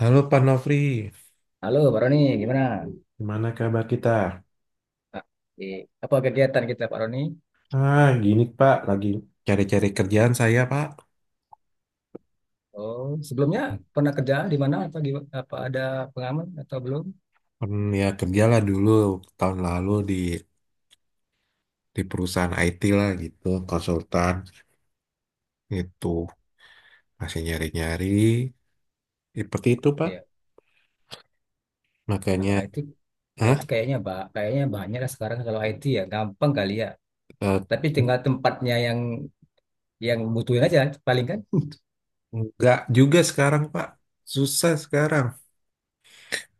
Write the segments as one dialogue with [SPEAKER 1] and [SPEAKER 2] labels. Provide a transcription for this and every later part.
[SPEAKER 1] Halo Pak Nofri,
[SPEAKER 2] Halo, Pak Roni, gimana?
[SPEAKER 1] gimana kabar kita?
[SPEAKER 2] Nah, di apa kegiatan kita, Pak Roni?
[SPEAKER 1] Gini Pak, lagi cari-cari kerjaan saya Pak.
[SPEAKER 2] Oh, sebelumnya pernah kerja di mana atau di apa ada pengalaman atau belum?
[SPEAKER 1] Ya kerjalah dulu tahun lalu di perusahaan IT lah gitu, konsultan gitu, masih nyari-nyari, ya, seperti itu Pak.
[SPEAKER 2] Iya. Kalau
[SPEAKER 1] Makanya,
[SPEAKER 2] IT
[SPEAKER 1] ah,
[SPEAKER 2] kayaknya banyak lah sekarang kalau IT ya gampang kali ya.
[SPEAKER 1] eh,
[SPEAKER 2] Tapi tinggal tempatnya yang butuhin aja paling kan.
[SPEAKER 1] nggak juga sekarang Pak, susah sekarang.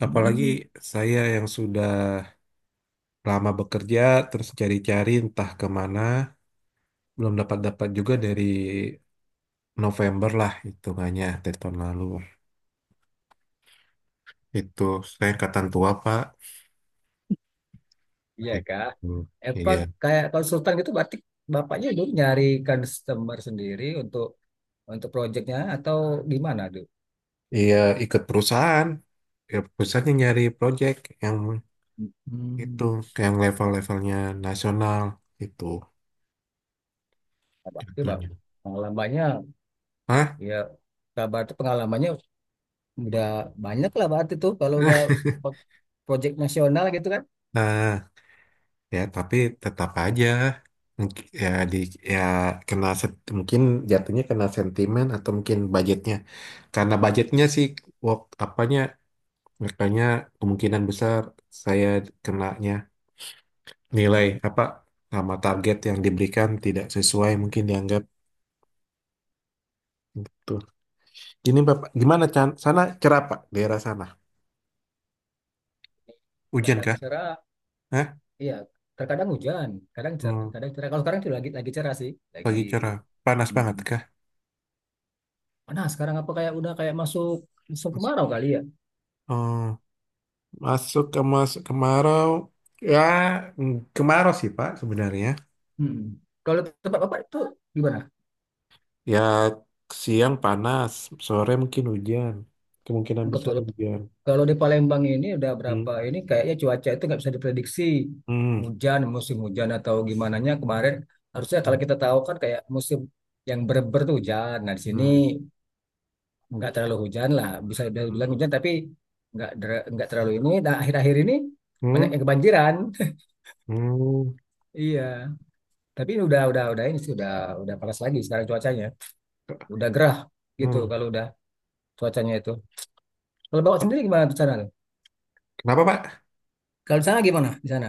[SPEAKER 1] Apalagi
[SPEAKER 2] Hmm,
[SPEAKER 1] saya yang sudah lama bekerja, terus cari-cari entah kemana, belum dapat-dapat juga dari November lah hitungannya dari tahun lalu. Itu saya angkatan tua, Pak.
[SPEAKER 2] iya Kak.
[SPEAKER 1] Gitu.
[SPEAKER 2] Apa
[SPEAKER 1] Iya.
[SPEAKER 2] kayak konsultan gitu berarti bapaknya dulu nyari customer sendiri untuk proyeknya atau gimana tuh?
[SPEAKER 1] Iya, ikut perusahaan. Ya, perusahaan yang nyari project yang itu,
[SPEAKER 2] Hmm.
[SPEAKER 1] yang level-levelnya nasional itu
[SPEAKER 2] Berarti, Bang,
[SPEAKER 1] jatuhnya.
[SPEAKER 2] pengalamannya.
[SPEAKER 1] Hah?
[SPEAKER 2] Ya, Kak Bart tuh pengalamannya udah banyak lah, Bart itu kalau udah pro- project nasional gitu kan.
[SPEAKER 1] Nah, ya tapi tetap aja Mungkin- ya di ya kena mungkin jatuhnya kena sentimen atau mungkin budgetnya. Karena budgetnya sih wak, apanya makanya kemungkinan besar saya kenanya nilai
[SPEAKER 2] Hmm.
[SPEAKER 1] apa sama target yang diberikan tidak sesuai mungkin dianggap betul. Ini Bapak, gimana Chan? Sana cerah Pak, daerah sana. Hujan
[SPEAKER 2] Kadang
[SPEAKER 1] kah?
[SPEAKER 2] cerah,
[SPEAKER 1] Hah?
[SPEAKER 2] iya, terkadang hujan,
[SPEAKER 1] Hmm,
[SPEAKER 2] kadang cerah. Kalau sekarang tuh lagi cerah sih, lagi
[SPEAKER 1] pagi cerah. Panas banget
[SPEAKER 2] mm
[SPEAKER 1] kah?
[SPEAKER 2] nah, sekarang apa kayak udah kayak masuk musim kemarau kali ya?
[SPEAKER 1] Oh, masuk kemarau. Ya, kemarau sih Pak sebenarnya.
[SPEAKER 2] Mm-mm. Kalau tempat Bapak itu gimana?
[SPEAKER 1] Ya, siang panas, sore mungkin hujan. Kemungkinan besar hujan.
[SPEAKER 2] Kalau di Palembang ini udah berapa
[SPEAKER 1] Hmm.
[SPEAKER 2] ini kayaknya cuaca itu nggak bisa diprediksi,
[SPEAKER 1] Hmm.
[SPEAKER 2] hujan musim hujan atau gimana nya, kemarin harusnya
[SPEAKER 1] Hmm.
[SPEAKER 2] kalau kita tahu kan kayak musim yang berber tuh hujan. Nah di sini
[SPEAKER 1] Hmm.
[SPEAKER 2] nggak terlalu hujan lah, bisa dibilang
[SPEAKER 1] Hmm.
[SPEAKER 2] hujan tapi nggak terlalu ini. Nah, akhir-akhir ini banyak
[SPEAKER 1] Hmm?
[SPEAKER 2] yang kebanjiran.
[SPEAKER 1] Hmm.
[SPEAKER 2] Iya. Tapi ini udah ini sih udah panas lagi sekarang cuacanya. Udah gerah gitu
[SPEAKER 1] Hmm.
[SPEAKER 2] kalau udah cuacanya itu. Kalau bawa sendiri gimana di sana tuh?
[SPEAKER 1] Kenapa Pak?
[SPEAKER 2] Kalau di sana gimana di sana?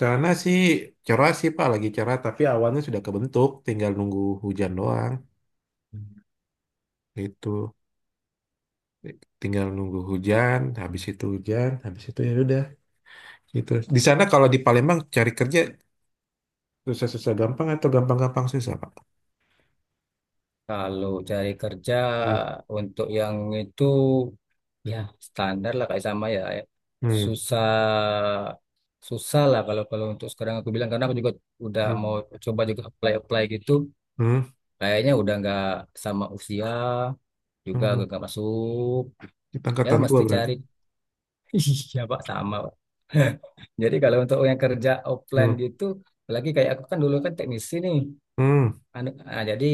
[SPEAKER 1] Sana sih cerah sih Pak, lagi cerah. Tapi awannya sudah kebentuk, tinggal nunggu hujan doang. Itu, tinggal nunggu hujan. Habis itu hujan, habis itu ya udah. Gitu. Di sana kalau di Palembang cari kerja susah-susah gampang atau gampang-gampang susah Pak?
[SPEAKER 2] Kalau cari kerja
[SPEAKER 1] Hmm.
[SPEAKER 2] untuk yang itu ya standar lah, kayak sama ya,
[SPEAKER 1] Hmm.
[SPEAKER 2] susah susah lah kalau kalau untuk sekarang aku bilang, karena aku juga udah
[SPEAKER 1] Hmm.
[SPEAKER 2] mau coba juga apply apply gitu,
[SPEAKER 1] Hmm.
[SPEAKER 2] kayaknya udah nggak, sama usia juga agak
[SPEAKER 1] Hmm.
[SPEAKER 2] nggak masuk,
[SPEAKER 1] Kita
[SPEAKER 2] ya
[SPEAKER 1] angkatan tua
[SPEAKER 2] mesti
[SPEAKER 1] berarti.
[SPEAKER 2] cari. Iya, Pak, sama, Pak. Jadi kalau untuk yang kerja offline
[SPEAKER 1] Hmm.
[SPEAKER 2] gitu, apalagi kayak aku kan dulu kan teknisi nih,
[SPEAKER 1] Hmm.
[SPEAKER 2] Jadi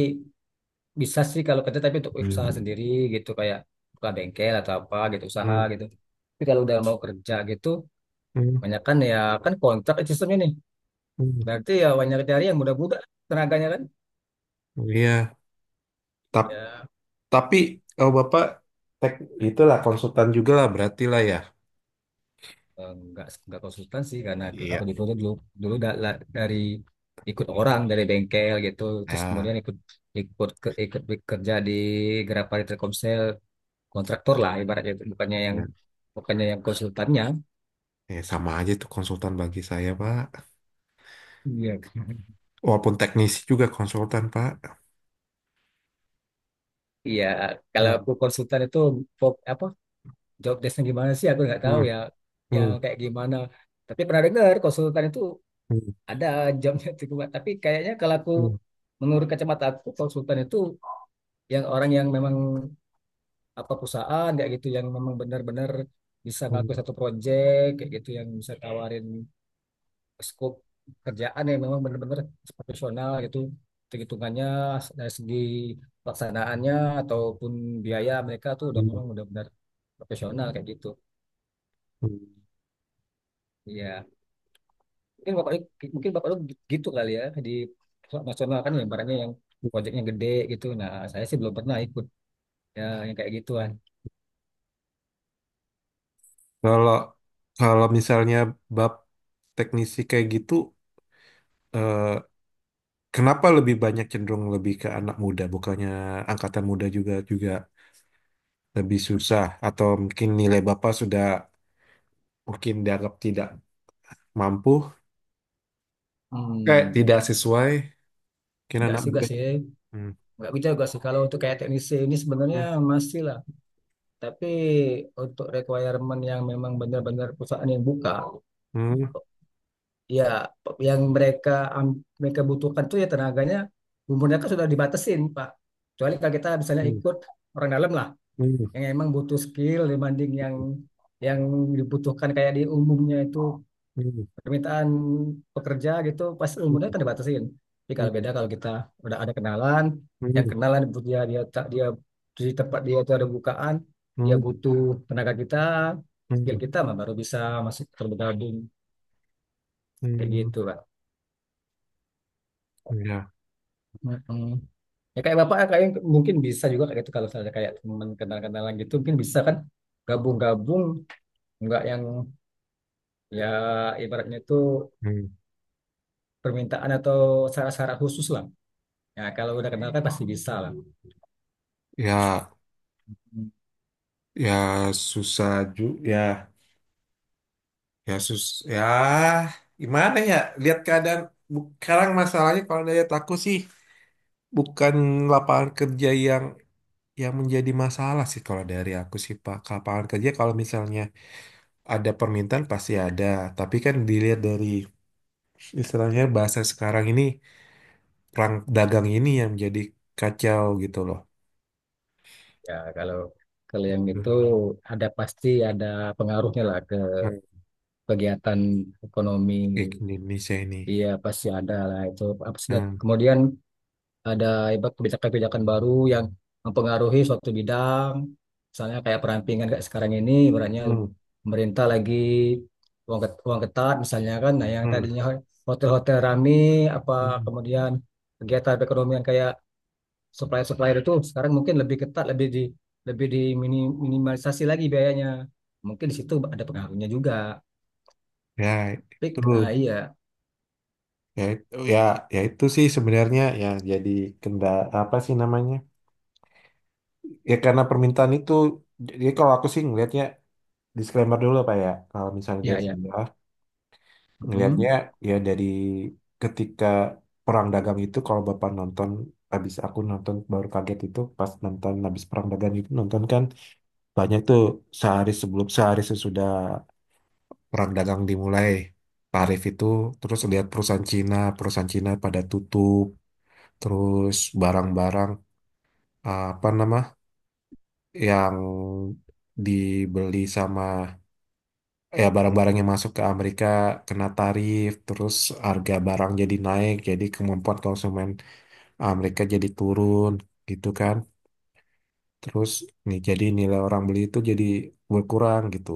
[SPEAKER 2] bisa sih kalau kerja tapi untuk usaha
[SPEAKER 1] Hmm.
[SPEAKER 2] sendiri gitu, kayak buka bengkel atau apa gitu usaha
[SPEAKER 1] Hmm.
[SPEAKER 2] gitu. Tapi kalau udah mau kerja gitu,
[SPEAKER 1] Hmm.
[SPEAKER 2] banyak kan ya, kan kontrak sistemnya nih.
[SPEAKER 1] Hmm.
[SPEAKER 2] Berarti ya banyak cari yang muda-muda, tenaganya kan.
[SPEAKER 1] Iya. Tapi.
[SPEAKER 2] Ya,
[SPEAKER 1] Tapi kalau Bapak tek itulah konsultan juga lah berarti lah ya.
[SPEAKER 2] nggak konsultan sih, karena aku
[SPEAKER 1] Iya.
[SPEAKER 2] dulu dulu dulu dari ikut orang dari bengkel gitu, terus
[SPEAKER 1] Ah,
[SPEAKER 2] kemudian ikut ikut ke, ikut kerja di Grapari Telkomsel, kontraktor lah ibaratnya itu, bukannya yang
[SPEAKER 1] ya.
[SPEAKER 2] konsultannya.
[SPEAKER 1] Sama aja itu konsultan bagi saya, Pak.
[SPEAKER 2] Iya.
[SPEAKER 1] Walaupun teknisi juga konsultan, Pak.
[SPEAKER 2] Iya, kalau
[SPEAKER 1] Hmm.
[SPEAKER 2] aku konsultan itu apa job desknya gimana sih? Aku nggak tahu
[SPEAKER 1] Hmm.
[SPEAKER 2] ya, yang
[SPEAKER 1] Hmm.
[SPEAKER 2] kayak gimana. Tapi pernah dengar konsultan itu
[SPEAKER 1] Hmm.
[SPEAKER 2] ada jobnya itu. Tapi kayaknya kalau aku, menurut kacamata aku, konsultan itu yang orang yang memang apa perusahaan kayak gitu, yang memang benar-benar bisa
[SPEAKER 1] Hmm.
[SPEAKER 2] ngaku
[SPEAKER 1] Hmm.
[SPEAKER 2] satu proyek kayak gitu, yang bisa tawarin skop kerjaan yang memang benar-benar profesional gitu, hitung-hitungannya dari segi pelaksanaannya ataupun biaya, mereka tuh udah
[SPEAKER 1] Hmm.
[SPEAKER 2] memang udah benar profesional kayak gitu.
[SPEAKER 1] Hmm.
[SPEAKER 2] Iya, mungkin bapak mungkin Bapak lu gitu kali ya, di perusahaan nasional kan, yang barangnya yang proyeknya gede gitu, nah saya sih belum pernah ikut ya yang kayak gituan.
[SPEAKER 1] Kalau kalau misalnya bab teknisi kayak gitu, eh, kenapa lebih banyak cenderung lebih ke anak muda, bukannya angkatan muda juga juga lebih susah atau mungkin nilai Bapak sudah mungkin dianggap tidak mampu, kayak
[SPEAKER 2] Hmm,
[SPEAKER 1] tidak sesuai kira
[SPEAKER 2] enggak
[SPEAKER 1] anak
[SPEAKER 2] sih, enggak
[SPEAKER 1] muda.
[SPEAKER 2] sih,
[SPEAKER 1] Hmm.
[SPEAKER 2] enggak bisa juga sih kalau untuk kayak teknisi ini sebenarnya
[SPEAKER 1] Hmm.
[SPEAKER 2] masih lah, tapi untuk requirement yang memang benar-benar perusahaan yang buka,
[SPEAKER 1] Hmm.
[SPEAKER 2] ya, yang mereka mereka butuhkan tuh ya tenaganya, umurnya kan sudah dibatasin, Pak. Kecuali kalau kita misalnya
[SPEAKER 1] Hmm.
[SPEAKER 2] ikut orang dalam lah,
[SPEAKER 1] Hmm.
[SPEAKER 2] yang emang butuh skill dibanding yang dibutuhkan kayak di umumnya itu
[SPEAKER 1] Hmm.
[SPEAKER 2] permintaan pekerja gitu, pas umurnya
[SPEAKER 1] Hmm.
[SPEAKER 2] kan dibatasin. Tapi kalau
[SPEAKER 1] Hmm.
[SPEAKER 2] beda kalau kita udah ada kenalan, yang kenalan butuh, dia dia ta- dia di tempat dia itu ada bukaan,
[SPEAKER 1] Hmm.
[SPEAKER 2] dia
[SPEAKER 1] Hmm.
[SPEAKER 2] butuh tenaga kita, skill
[SPEAKER 1] Hmm.
[SPEAKER 2] kita mah baru bisa masuk tergabung kayak
[SPEAKER 1] Hmm.
[SPEAKER 2] gitu, Pak.
[SPEAKER 1] Ya,
[SPEAKER 2] Ya kayak Bapak, kayak mungkin bisa juga kayak itu kalau misalnya kayak teman kenal-kenalan gitu mungkin bisa kan gabung-gabung, nggak yang ya ibaratnya itu
[SPEAKER 1] hmm.
[SPEAKER 2] permintaan atau syarat-syarat khusus lah. Ya kalau udah kenal kan pasti bisa lah.
[SPEAKER 1] Ya,
[SPEAKER 2] Hmm.
[SPEAKER 1] ya susah juga. Ya, ya sus. Ya, gimana ya? Lihat keadaan. Sekarang masalahnya kalau dari aku sih bukan lapangan kerja yang menjadi masalah sih kalau dari aku sih Pak. Ke Lapangan kerja kalau misalnya ada permintaan pasti ada, tapi kan dilihat dari istilahnya bahasa sekarang ini perang dagang ini yang jadi kacau gitu loh.
[SPEAKER 2] Ya kalau kalau yang itu ada, pasti ada pengaruhnya lah ke
[SPEAKER 1] Nah,
[SPEAKER 2] kegiatan ekonomi.
[SPEAKER 1] kayak Indonesia ini.
[SPEAKER 2] Iya pasti ada lah itu. Apa sih, dan
[SPEAKER 1] Hmm.
[SPEAKER 2] kemudian ada ibarat kebijakan-kebijakan baru yang mempengaruhi suatu bidang. Misalnya kayak perampingan kayak sekarang ini, ibaratnya
[SPEAKER 1] Hmm.
[SPEAKER 2] pemerintah lagi uang ketat misalnya kan, nah yang
[SPEAKER 1] Hmm.
[SPEAKER 2] tadinya hotel-hotel rame, apa,
[SPEAKER 1] Hmm.
[SPEAKER 2] kemudian kegiatan perekonomian kayak supplier-supplier itu sekarang mungkin lebih ketat, lebih diminimalisasi lagi biayanya. Mungkin di situ ada pengaruhnya juga.
[SPEAKER 1] Ya
[SPEAKER 2] Tapi,
[SPEAKER 1] itu
[SPEAKER 2] iya,
[SPEAKER 1] ya itu ya ya itu sih sebenarnya ya jadi kenda apa sih namanya? Ya karena permintaan itu jadi kalau aku sih ngelihatnya disclaimer dulu Pak ya. Kalau misalnya
[SPEAKER 2] iya,
[SPEAKER 1] dari
[SPEAKER 2] iya.
[SPEAKER 1] ngelihatnya
[SPEAKER 2] Mm.
[SPEAKER 1] ya dari ketika Perang Dagang itu kalau Bapak nonton habis aku nonton baru kaget itu pas nonton habis Perang Dagang itu nonton kan banyak tuh sehari sebelum sehari sesudah Perang Dagang dimulai tarif itu terus lihat perusahaan Cina pada tutup terus barang-barang eh, apa nama yang dibeli sama ya barang-barang yang masuk ke Amerika kena tarif, terus harga barang jadi naik, jadi kemampuan konsumen Amerika jadi turun gitu kan. Terus nih jadi nilai orang beli itu jadi berkurang gitu.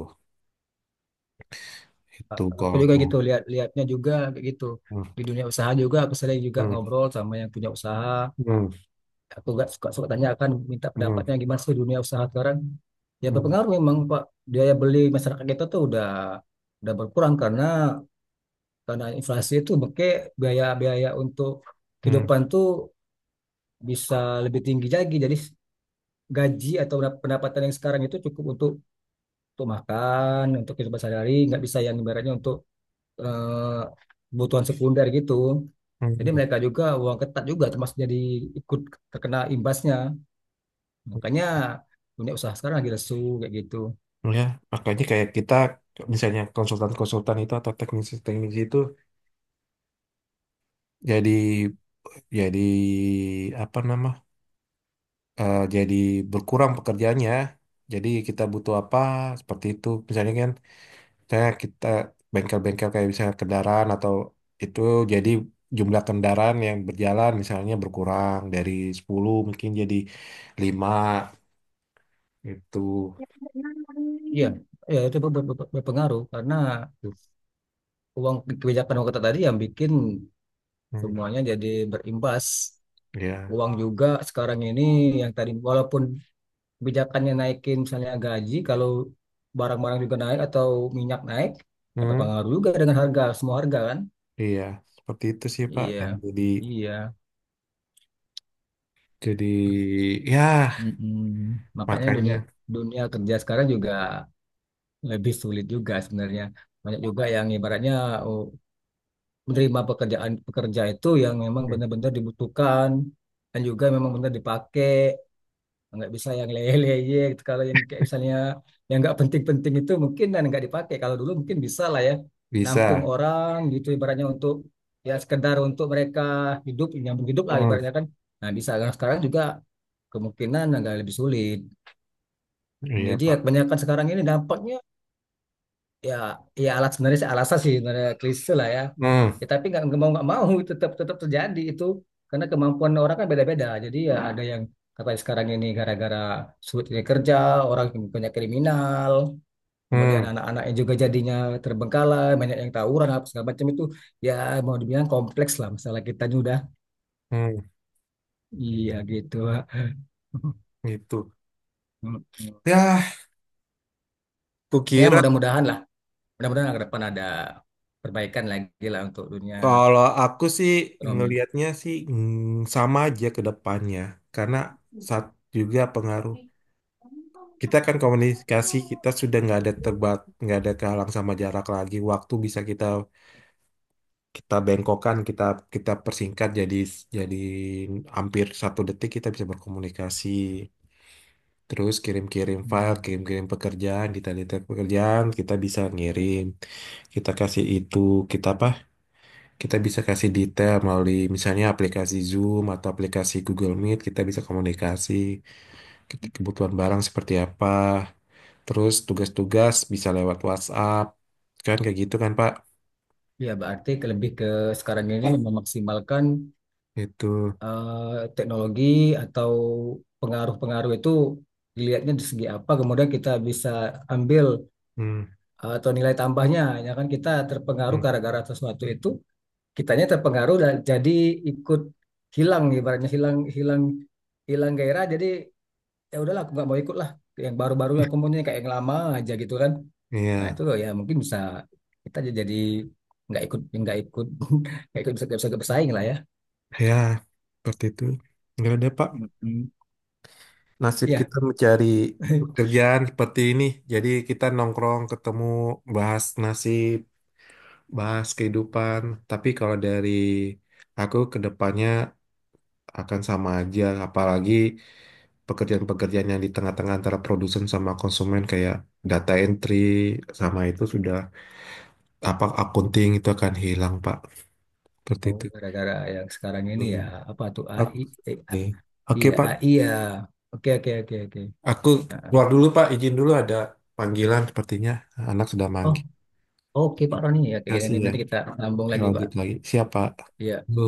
[SPEAKER 1] Itu
[SPEAKER 2] Aku juga
[SPEAKER 1] kalau
[SPEAKER 2] gitu, lihat lihatnya juga kayak gitu,
[SPEAKER 1] hmm.
[SPEAKER 2] di dunia usaha juga aku sering juga
[SPEAKER 1] Hmm.
[SPEAKER 2] ngobrol sama yang punya usaha.
[SPEAKER 1] Hmm.
[SPEAKER 2] Aku gak suka suka tanya, akan minta
[SPEAKER 1] Hmm.
[SPEAKER 2] pendapatnya gimana sih dunia usaha sekarang. Ya,
[SPEAKER 1] Hmm.
[SPEAKER 2] berpengaruh memang, Pak. Biaya beli masyarakat kita tuh udah berkurang karena inflasi itu, maka biaya-biaya untuk
[SPEAKER 1] Hmm.
[SPEAKER 2] kehidupan tuh bisa lebih tinggi lagi. Jadi gaji atau pendapatan yang sekarang itu cukup untuk makan, untuk kehidupan sehari-hari, nggak bisa yang ibaratnya untuk eh, kebutuhan sekunder gitu. Jadi
[SPEAKER 1] Hmm.
[SPEAKER 2] mereka juga uang ketat juga termasuk, jadi ikut terkena imbasnya. Makanya dunia usaha sekarang lagi lesu kayak gitu.
[SPEAKER 1] Ya, makanya kayak kita misalnya konsultan-konsultan itu atau teknisi-teknisi itu jadi jadi apa nama jadi berkurang pekerjaannya. Jadi kita butuh apa seperti itu. Misalnya kan, misalnya kita bengkel-bengkel kayak misalnya kendaraan atau itu jadi jumlah kendaraan yang berjalan misalnya berkurang dari 10 mungkin jadi 5 itu.
[SPEAKER 2] Iya, ya itu berpengaruh karena uang, kebijakan uang ketat tadi yang bikin
[SPEAKER 1] Hmm,
[SPEAKER 2] semuanya jadi berimbas.
[SPEAKER 1] ya.
[SPEAKER 2] Uang juga sekarang ini yang tadi, walaupun kebijakannya naikin misalnya gaji, kalau barang-barang juga naik atau minyak naik, ya
[SPEAKER 1] Hmm,
[SPEAKER 2] berpengaruh juga dengan harga, semua harga kan.
[SPEAKER 1] iya, seperti itu sih Pak.
[SPEAKER 2] Iya,
[SPEAKER 1] Dan jadi
[SPEAKER 2] iya.
[SPEAKER 1] jadi ya
[SPEAKER 2] Mm-mm. Makanya dunia
[SPEAKER 1] makanya
[SPEAKER 2] dunia kerja sekarang juga lebih sulit juga sebenarnya. Banyak juga yang ibaratnya, oh, menerima pekerjaan pekerja itu yang memang
[SPEAKER 1] hmm,
[SPEAKER 2] benar-benar dibutuhkan dan juga memang benar dipakai. Nggak bisa yang leye-leye gitu. Kalau yang kayak misalnya yang nggak penting-penting itu mungkin dan nggak dipakai. Kalau dulu mungkin bisa lah ya, nampung
[SPEAKER 1] bisa.
[SPEAKER 2] orang gitu ibaratnya untuk ya sekedar untuk mereka hidup, nyambung hidup lah
[SPEAKER 1] Hmm,
[SPEAKER 2] ibaratnya kan. Nah bisa. Kalau sekarang juga kemungkinan agak lebih sulit.
[SPEAKER 1] iya
[SPEAKER 2] Jadi ya
[SPEAKER 1] Pak.
[SPEAKER 2] kebanyakan sekarang ini dampaknya ya ya alat sebenarnya sih, alasan sih sebenarnya klise lah ya,
[SPEAKER 1] Hmm.
[SPEAKER 2] ya tapi nggak mau nggak mau tetap tetap terjadi itu, karena kemampuan orang kan beda-beda, jadi ya ada yang kata sekarang ini gara-gara sulit ini kerja orang banyak kriminal, kemudian
[SPEAKER 1] Hmm.
[SPEAKER 2] anak-anaknya juga jadinya terbengkalai, banyak yang tawuran apa segala macam itu, ya mau dibilang kompleks lah masalah kita ini udah,
[SPEAKER 1] Hmm,
[SPEAKER 2] iya gitu.
[SPEAKER 1] gitu. Ya,
[SPEAKER 2] Ya,
[SPEAKER 1] kukira
[SPEAKER 2] mudah-mudahan ke depan ada perbaikan lagi lah untuk dunia
[SPEAKER 1] kalau aku sih
[SPEAKER 2] ekonomi.
[SPEAKER 1] ngelihatnya sih sama aja ke depannya karena saat juga pengaruh kita kan komunikasi kita sudah nggak ada nggak ada kehalang sama jarak lagi waktu bisa kita kita bengkokkan kita kita persingkat jadi hampir 1 detik kita bisa berkomunikasi terus kirim-kirim file
[SPEAKER 2] Hmm.
[SPEAKER 1] kirim-kirim pekerjaan detail-detail pekerjaan kita bisa ngirim kita kasih itu kita apa kita bisa kasih detail melalui misalnya aplikasi Zoom atau aplikasi Google Meet, kita bisa komunikasi kebutuhan barang seperti apa. Terus tugas-tugas bisa lewat WhatsApp. Kan kayak gitu kan, Pak?
[SPEAKER 2] Ya, berarti lebih ke sekarang ini memaksimalkan
[SPEAKER 1] Itu.
[SPEAKER 2] eh, teknologi, atau pengaruh-pengaruh itu dilihatnya dari segi apa, kemudian kita bisa ambil
[SPEAKER 1] Hmm.
[SPEAKER 2] atau nilai tambahnya. Ya kan kita terpengaruh
[SPEAKER 1] Hmm.
[SPEAKER 2] gara-gara sesuatu itu, kitanya terpengaruh dan jadi ikut hilang, ibaratnya hilang hilang hilang gairah. Jadi ya udahlah, aku nggak mau ikut lah. Yang baru-baru yang kemudian kayak yang lama aja gitu kan. Nah
[SPEAKER 1] Iya.
[SPEAKER 2] itu ya mungkin bisa kita aja, jadi nggak ikut nggak ikut bisa, nggak bisa bersaing lah ya.
[SPEAKER 1] Ya, seperti itu. Enggak ada, Pak.
[SPEAKER 2] Mm-mm.
[SPEAKER 1] Nasib
[SPEAKER 2] Iya.
[SPEAKER 1] kita mencari pekerjaan seperti ini. Jadi kita nongkrong, ketemu, bahas nasib, bahas kehidupan. Tapi kalau dari aku ke depannya akan sama aja apalagi pekerjaan-pekerjaan yang di tengah-tengah antara produsen sama konsumen kayak data entry sama itu sudah apa accounting itu akan hilang Pak seperti
[SPEAKER 2] Oh,
[SPEAKER 1] itu.
[SPEAKER 2] gara-gara yang sekarang ini ya,
[SPEAKER 1] Hmm.
[SPEAKER 2] apa tuh AI, eh,
[SPEAKER 1] Oke.
[SPEAKER 2] AI
[SPEAKER 1] Oke
[SPEAKER 2] ya,
[SPEAKER 1] Pak,
[SPEAKER 2] AI ya. Oke, oke, oke, oke.
[SPEAKER 1] aku
[SPEAKER 2] Nah,
[SPEAKER 1] keluar dulu Pak izin dulu ada panggilan sepertinya anak sudah
[SPEAKER 2] oh
[SPEAKER 1] manggil
[SPEAKER 2] oke Pak Roni, ya
[SPEAKER 1] terima
[SPEAKER 2] kayak
[SPEAKER 1] kasih
[SPEAKER 2] gini
[SPEAKER 1] ya.
[SPEAKER 2] nanti kita sambung
[SPEAKER 1] Ya,
[SPEAKER 2] lagi, Pak.
[SPEAKER 1] lanjut lagi siapa
[SPEAKER 2] Iya.
[SPEAKER 1] Bu.